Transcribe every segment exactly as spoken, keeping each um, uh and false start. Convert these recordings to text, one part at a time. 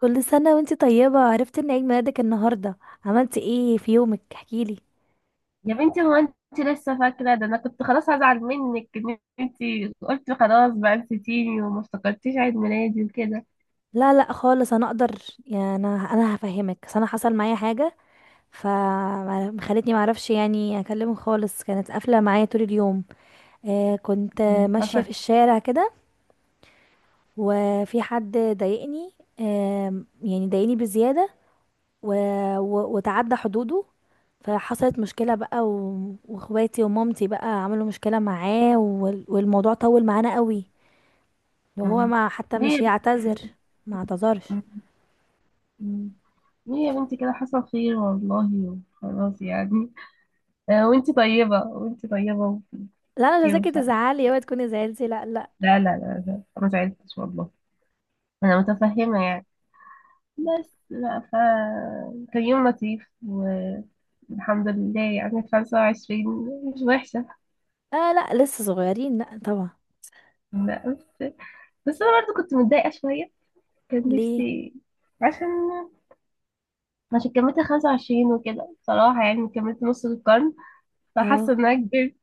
كل سنة وانتي طيبة، عرفت ان عيد ميلادك النهاردة. عملتي ايه في يومك؟ احكيلي. يا بنتي، هو انت لسه فاكرة؟ ده انا كنت خلاص هزعل منك، ان انت قلت خلاص بقى نسيتيني وما افتكرتيش عيد ميلادي وكده. لا لا خالص، انا اقدر. يعني انا انا هفهمك، بس انا حصل معايا حاجة فخلتني معرفش يعني اكلمه خالص، كانت قافلة معايا طول اليوم. آه كنت مم. ماشية حصل. في الشارع كده، وفي حد ضايقني، آه يعني ضايقني بزيادة، و... و... وتعدى حدوده، فحصلت مشكلة بقى، و... واخواتي ومامتي بقى عملوا مشكلة معاه، وال... والموضوع طول معانا قوي. لو هو مم. ما حتى ليه مش يا يعتذر، بنتي؟ ما اعتذرش. مم. مم. ليه يا بنتي كده؟ حصل خير والله، خلاص يعني. آه، وانت طيبة، وانت طيبة، وفي لا، انا مش خير عايزاكي وسعد. تزعلي، اوعي تكوني زعلتي، لا لا. لا لا لا لا، انا ما زعلتش والله. انا متفهمة يعني. بس بقى ف كان يوم لطيف والحمد لله، يعني خمسة وعشرين مش وحشة. آه، لا، لسه صغيرين، لا طبعا. لا، بس بس انا برضو كنت متضايقه شويه. كان ليه؟ نفسي. عشان عشان كملت خمسة وعشرين وكده، بصراحه يعني كملت نص القرن، اه، فحاسه ان انا كبرت.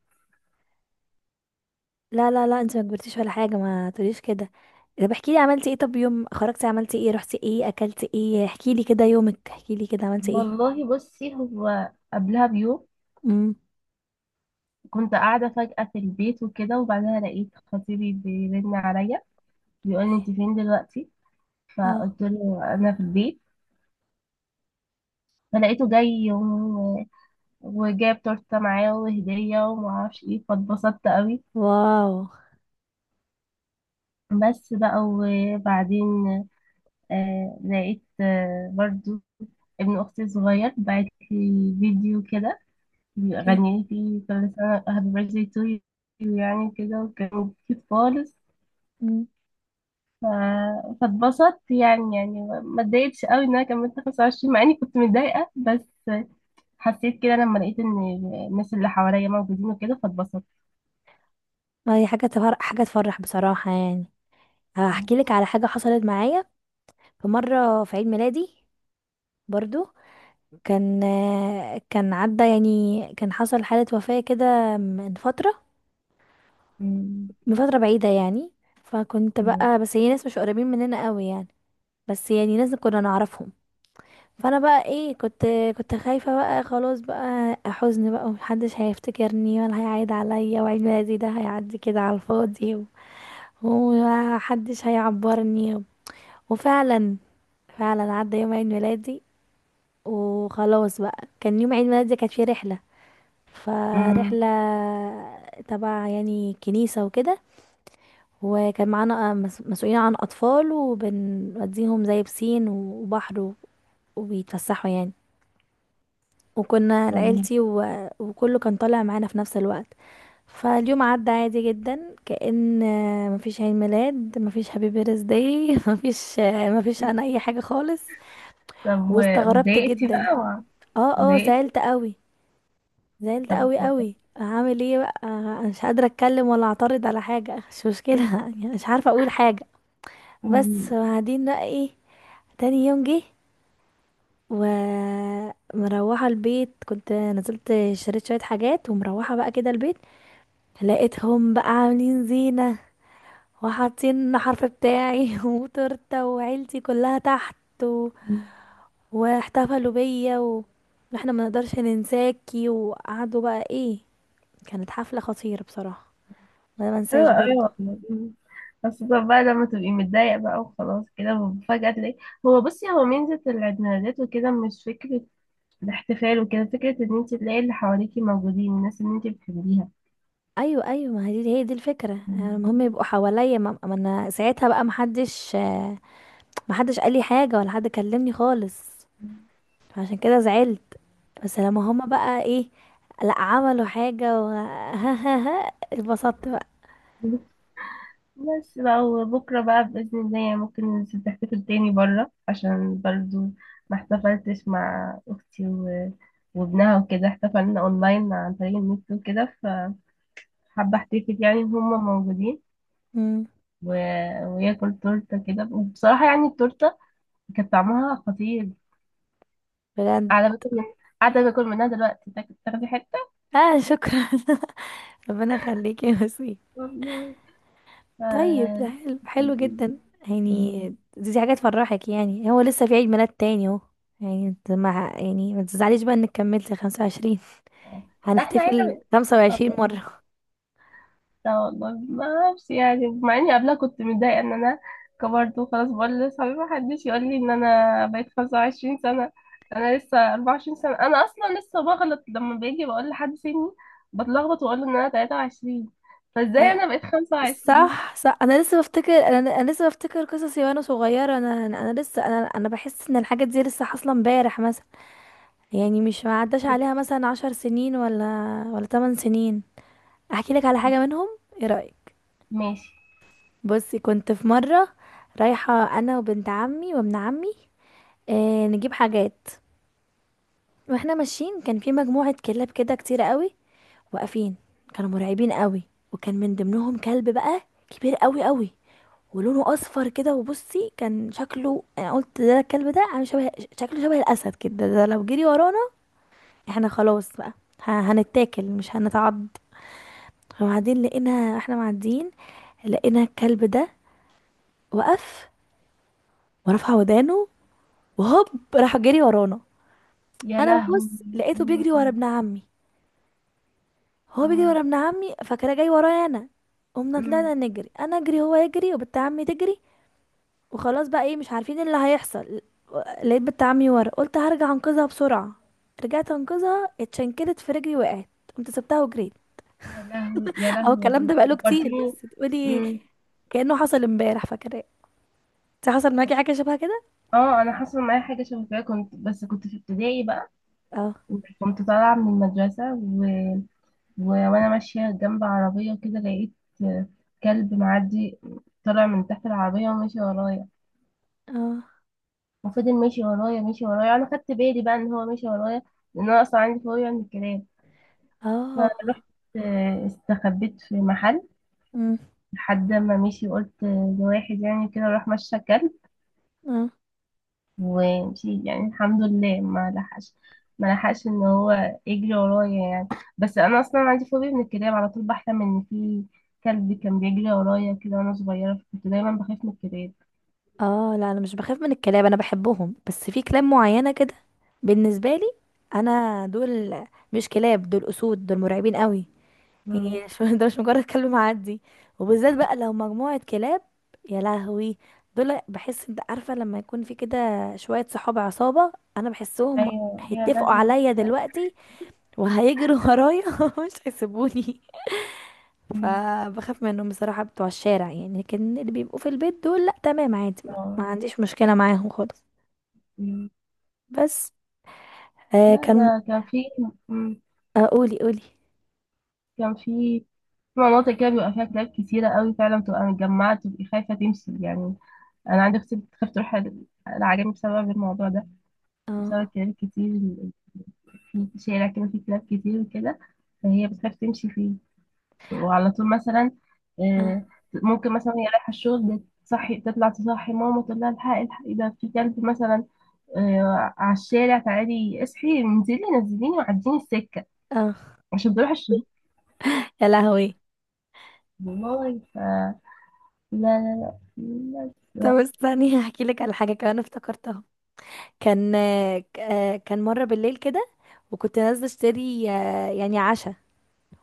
لا لا لا، انت ما كبرتيش ولا حاجه، ما تقوليش كده. طب احكي لي عملتي ايه، طب يوم خرجتي عملتي ايه، رحتي ايه، اكلتي ايه، احكي لي كده يومك، احكي لي كده عملتي ايه. والله بصي، هو قبلها بيوم امم. كنت قاعده فجاه في البيت وكده، وبعدها لقيت خطيبي بيرن عليا، بيقول لي اوكي. انت فين دلوقتي؟ اه. فقلت له انا في البيت. فلقيته جاي، و... وجاب تورته معاه وهديه ومعرفش ايه، فاتبسطت قوي. واو. بس بقى. وبعدين آه لقيت، آه برضو ابن أختي الصغير بعت لي فيديو كده، اوكي. غني لي فيه كل سنة هابي بيرثدي تو يو يعني كده، وكان كيوت خالص. امم. ف- فاتبسطت، يعني يعني ما اتضايقتش قوي ان انا كملت خمس وعشرين مع اني كنت متضايقة، بس حسيت كده لما لقيت ان الناس اللي حواليا موجودين وكده، فاتبسطت. ما هي حاجه تفرح، حاجه تفرح بصراحه يعني. هحكي لك على حاجه حصلت معايا. في مره في عيد ميلادي برضو، كان كان عدى يعني، كان حصل حالة وفاة كده من فترة أمم. من فترة بعيدة يعني. فكنت بقى، بس هي ناس مش قريبين مننا قوي يعني، بس يعني ناس كنا نعرفهم. فانا بقى ايه، كنت كنت خايفة بقى، خلاص بقى حزن بقى، ومحدش هيفتكرني ولا هيعيد عليا، وعيد ميلادي ده هيعدي كده على الفاضي و- ومحدش هيعبرني. وفعلا، فعلا عدى يوم عيد ميلادي، وخلاص بقى كان يوم عيد ميلادي كانت فيه رحلة، أمم. فرحلة تبع يعني كنيسة وكده، وكان معانا مس- مسؤولين عن أطفال وبنوديهم زي بسين وبحر و- وبيتفسحوا يعني، وكنا طيب. لعيلتي، و... وكله كان طالع معانا في نفس الوقت. فاليوم عدى عادي جدا، كأن مفيش عيد ميلاد، مفيش هابي بيرث داي مفيش مفيش انا اي حاجة خالص. طب، و- واستغربت واتضايقتي جدا. بقى، و- اه، اه، اتضايقتي؟ زعلت قوي، زعلت طب. قوي قوي. هعمل ايه بقى؟ آه، مش قادره اتكلم ولا اعترض على حاجه، مش مشكله يعني مش عارفه اقول حاجه. أمم. بس وبعدين بقى ايه، تاني يوم جه ومروحه البيت، كنت نزلت شريت شويه حاجات ومروحه بقى كده البيت، لقيتهم بقى عاملين زينه وحاطين الحرف بتاعي وتورته، وعيلتي كلها تحت، و... واحتفلوا بيا، و... واحنا ما نقدرش ننساكي. وقعدوا بقى ايه، كانت حفله خطيره بصراحه، ما أنا حلو، منساش برضو. أيوة. خاصة بقى لما تبقي متضايقة بقى وخلاص، كده فجأة تلاقي. هو بصي، هو ميزة العيد ميلادات وكده مش فكرة الاحتفال وكده، فكرة ان انت تلاقي اللي حواليكي موجودين، الناس اللي انت بتحبيها. ايوه ايوه، ما هي دي، هي دي الفكره، آه، المهم يبقوا حواليا، ما ما انا ساعتها بقى محدش، آه، محدش قال لي حاجه ولا حد كلمني خالص، عشان كده زعلت. بس لما هما بقى ايه، لا عملوا حاجه و ها ها ها، اتبسطت بقى. بس بقى. وبكرة بقى بإذن الله يعني ممكن تحتفل تاني برا، عشان برضو ما احتفلتش مع أختي و... وابنها وكده، احتفلنا أونلاين عن طريق النت وكده. فحابة احتفل يعني إن هما موجودين امم. و... وياكل تورته كده، وبصراحه يعني التورته كانت طعمها خطير. بجد. قاعده باكل من... قاعده باكل منها دلوقتي، تاك- تاخدي حته؟ اه، شكرا ربنا يخليكي يا وسيم. والله. طيب، ده آه. حلو، حلو جدا يعني. دي, دي حاجه تفرحك يعني، هو لسه في عيد ميلاد تاني اهو يعني، انت مع يعني ما تزعليش بقى انك كملت خمسة وعشرين، لا، احنا هنحتفل هنا. خمس وعشرين مرة. لا والله، ما اعرفش يعني، مع اني قبلها كنت متضايقه ان انا كبرت وخلاص، بقول لاصحابي ما حدش يقول لي ان انا بقيت خمسة وعشرين سنه، انا لسه اربعة وعشرين سنه. انا اصلا لسه بغلط لما باجي بقول لحد سني، بتلخبط واقول له ان انا تلاتة وعشرين. فازاي أنا- انا بقيت خمسة وعشرين؟ صح صح، انا لسه بفتكر انا انا لسه بفتكر قصصي، وانا صغيرة، انا انا أنا لسه انا انا بحس ان الحاجات دي لسه حاصلة امبارح مثلا، يعني مش ما عداش عليها مثلا عشر سنين، ولا ولا تمن سنين. احكي لك على حاجة منهم، ايه رأيك؟ ماشي. بصي، كنت في مرة رايحة انا وبنت عمي وابن عمي، آه نجيب حاجات، واحنا ماشيين كان في مجموعة كلاب كده كتير قوي، واقفين، كانوا مرعبين قوي، وكان من ضمنهم كلب بقى كبير قوي قوي، ولونه اصفر كده، وبصي كان شكله، انا قلت ده الكلب ده عامل شبه، شكله شبه الاسد كده، ده لو جري ورانا احنا خلاص بقى، ه- هنتاكل مش هنتعض. وبعدين لقينا احنا معديين لقينا الكلب ده وقف ورفع ودانه، وهوب، راح جري ورانا. يا انا لهوي. ببص لقيته بيجري ورا مم. ابن عمي، هو بيجري مم. ورا ابن عمي، فكده جاي ورايا انا. قمنا امم. طلعنا نجري، انا اجري، هو يجري، وبنت عمي تجري. وخلاص بقى ايه، مش عارفين اللي هيحصل. لقيت بنت عمي ورا، قلت هرجع انقذها بسرعه، رجعت انقذها، اتشنكلت في رجلي، وقعت، قمت سبتها وجريت. يا لهوي، يا اهو لهوي يا الكلام ده بنتي، بقاله كتير، فكرتيني. بس تقولي مم. كأنه حصل امبارح، فاكراه. انت حصل معاكي حاجه شبه كده؟ اه، انا حصل معايا حاجه شبه كده، كنت، بس كنت في ابتدائي بقى. اه، كنت طالعه من المدرسه، و... و... وانا ماشيه جنب عربيه كده، لقيت كلب معدي طالع من تحت العربيه وماشي ورايا، اه، وفضل ماشي ورايا، ماشي ورايا. انا خدت بالي بقى ان هو ماشي ورايا، لان انا اصلا عندي فوبيا من الكلاب. اه. فرحت، آه، استخبيت في محل أمم. لحد ما مشي. قلت لواحد يعني كده، راح مشى كلب، اه، ومشي يعني الحمد لله ما لحقش، ما لحقش ان هو يجري ورايا يعني. بس انا اصلا عندي فوبيا من الكلاب، على طول بحلم ان في كلب كان بيجري ورايا كده وانا صغيره، فكنت دايما بخاف من الكلاب. اه. لا انا مش بخاف من الكلاب، انا بحبهم، بس في كلاب معينة كده بالنسبة لي، انا دول مش كلاب، دول اسود، دول مرعبين قوي، مم. يعني شو ده مش مجرد كلب معدي، وبالذات بقى لو مجموعة كلاب، يا لهوي، دول بحس انت عارفة، لما يكون في كده شوية صحاب عصابة، انا بحسهم ايوه، يا هيتفقوا لهوي، عليا لا. دلوقتي وهيجروا ورايا ومش هيسيبوني. مم. فبخاف منهم بصراحة بتوع الشارع يعني، لكن اللي بيبقوا في البيت دول لا، تمام، عادي، ما, ما آه. عنديش مشكلة معاهم خالص. مم. بس. آه لا، كان ده كان في، مم. آه قولي قولي. كان في في مناطق كده بيبقى فيها كلاب كتيرة قوي، فعلا بتبقى متجمعة، تبقي خايفة تمشي يعني. انا عندي اختي بتخاف تروح ال- العجمي بسبب الموضوع ده، بسبب اه، الكلاب كتير. ال- في شارع كده فيه كلاب كتير وكده، فهي بتخاف تمشي فيه. وعلى طول مثلا اه، آه، ممكن مثلا هي رايحه الشغل، تصحي تطلع، تصحي ماما تقول لها الحقي الحقي ده في كلب مثلا، آه، على الشارع، تعالي اصحي انزلي نزليني وعديني السكه اه عشان بروح الشغل. يا لهوي. والله. ف لا. لا لا طب لا استني هحكي لك على حاجة كمان افتكرتها. كان آه ك- آه، كان مرة بالليل كده، وكنت نازلة اشتري آه يعني عشاء،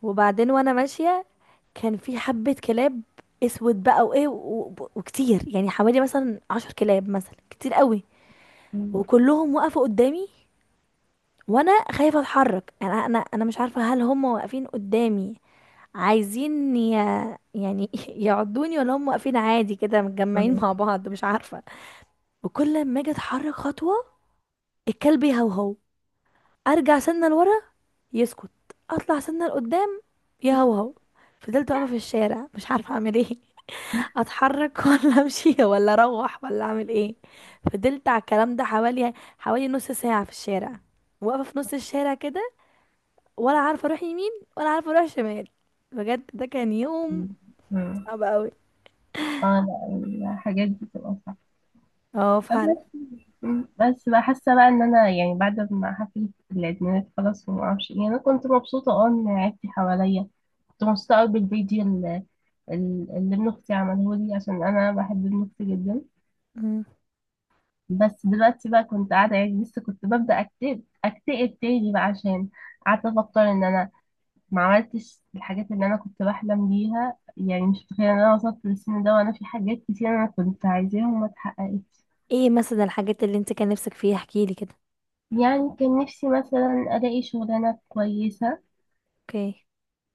وبعدين وانا ماشية كان في حبة كلاب اسود بقى وايه و- و- وكتير يعني حوالي مثلا عشر كلاب مثلا كتير قوي، وكلهم وقفوا قدامي وانا خايفه اتحرك، انا انا انا مش عارفه هل هم واقفين قدامي عايزين ي... يعني يعضوني، ولا هم واقفين عادي كده متجمعين مع بعض مش عارفه. وكل ما اجي اتحرك خطوه الكلب يهوهو، ارجع سنه لورا يسكت، اطلع سنه لقدام يهوهو. فضلت واقفه في الشارع مش عارفه اعمل ايه، اتحرك ولا امشي ولا اروح ولا اعمل ايه. فضلت على الكلام ده حوالي حوالي نص ساعه في الشارع، واقفه في نص الشارع كده، ولا عارفه اروح يمين، ولا عارفه اروح شمال. بجد ده كان يوم لا. صعب قوي. اه، لا، الحاجات دي بتبقى اه، فعلا. صعبة. مم. بس بقى، حاسه بقى ان انا يعني بعد ما حفلة العيد خلاص وما اعرفش ايه، انا كنت مبسوطه اه ان عيلتي حواليا. كنت مبسوطه قوي بالفيديو اللي, اللي ابن اختي عمله لي، عشان انا بحب ابن اختي جدا. مم. بس دلوقتي بقى كنت قاعده يعني، لسه كنت ببدا اكتئب اكتئب تاني بقى، عشان قعدت افكر ان انا ما عملتش الحاجات اللي انا كنت بحلم بيها، يعني مش متخيله ان انا وصلت للسن ده وانا في حاجات كتير انا كنت عايزاها وما اتحققتش. ايه مثلا الحاجات اللي انت كان نفسك فيها، احكيلي كده؟ يعني كان نفسي مثلا ألاقي شغلانة كويسة، اوكي.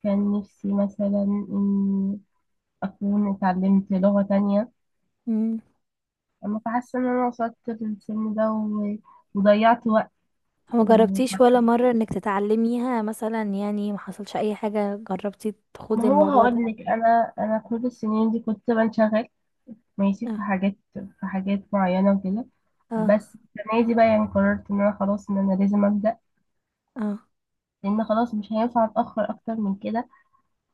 كان نفسي مثلا إني أكون اتعلمت لغة تانية، مم. أما فحاسة إن أنا وصلت للسن ده و- وضيعت وقت. ما جربتيش ولا مره انك تتعلميها مثلا يعني، ما حصلش اي حاجه، جربتي ما تخوضي هو الموضوع ده؟ هقولك، أنا أنا كل السنين دي كنت بنشغل، ماشي في اه، حاجات في حاجات معينة وكده. اه، بس السنة دي بقى يعني قررت إن أنا خلاص، إن أنا لازم أبدأ، اه، لأن خلاص مش هينفع أتأخر أكتر من كده،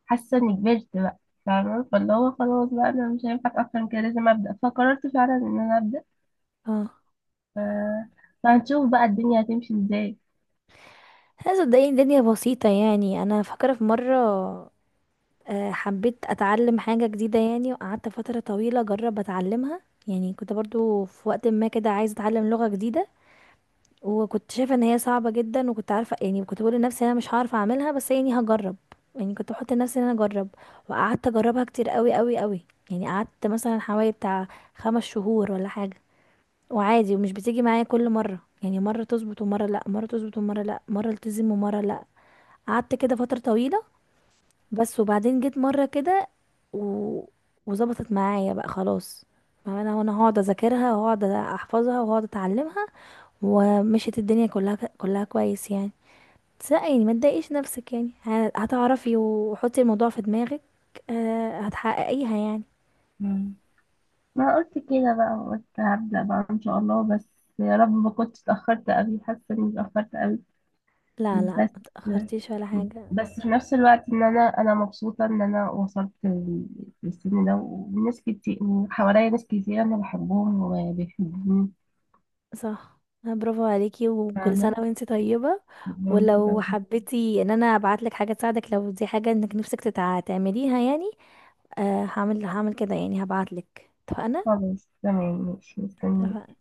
حاسه اني كبرت بقى. فاهمه. فاللي هو خلاص بقى انا مش هينفع اتاخر من كده، لازم ابدا، فقررت فعلا ان انا ابدا، اه. ف... فهنشوف بقى الدنيا هتمشي ازاي. لا صدقيني، الدنيا بسيطه يعني، انا فاكره في مره آه، حبيت اتعلم حاجه جديده يعني، وقعدت فتره طويله اجرب اتعلمها، يعني كنت برضو في وقت ما كده عايزه اتعلم لغه جديده، وكنت شايفه ان هي صعبه جدا، وكنت عارفه يعني، كنت بقول لنفسي انا مش هعرف اعملها، بس يعني هجرب، يعني كنت بحط لنفسي ان انا اجرب. وقعدت اجربها كتير قوي قوي قوي، يعني قعدت مثلا حوالي بتاع خمس شهور ولا حاجه، وعادي ومش بتيجي معايا كل مره، يعني مره تظبط ومره لا، مره تظبط ومره لا، مره التزم ومره لا، قعدت كده فتره طويله. بس وبعدين جيت مره كده و... وظبطت معايا بقى خلاص، ما انا وانا هقعد اذاكرها وهقعد احفظها وهقعد اتعلمها، ومشيت الدنيا كلها كلها كويس يعني. بس لا يعني، ما تضايقيش نفسك يعني، ه- هتعرفي وحطي الموضوع في دماغك، آه، هتحققيها يعني. مم. ما قلت كده بقى، قلت هبدا بقى ان شاء الله، بس يا رب ما كنتش اتاخرت قوي، حاسه اني اتاخرت قوي. لا لا بس ما تأخرتيش ولا حاجة. بس في نفس الوقت ان انا انا مبسوطه ان انا وصلت لل- للسن ده، وناس كتير وحواليا ناس كتير انا بحبهم وبيحبوني. صح. آه، برافو عليكي، وكل سنة فاهمه، وانتي طيبة. بيحبوني ولو كده. حبيتي ان انا ابعتلك حاجة تساعدك، لو دي حاجة انك نفسك تتع- تعمليها يعني، آه، هعمل هعمل كده يعني هبعتلك، اتفقنا؟ خلاص تمام، ماشي، مستنيك. اتفقنا.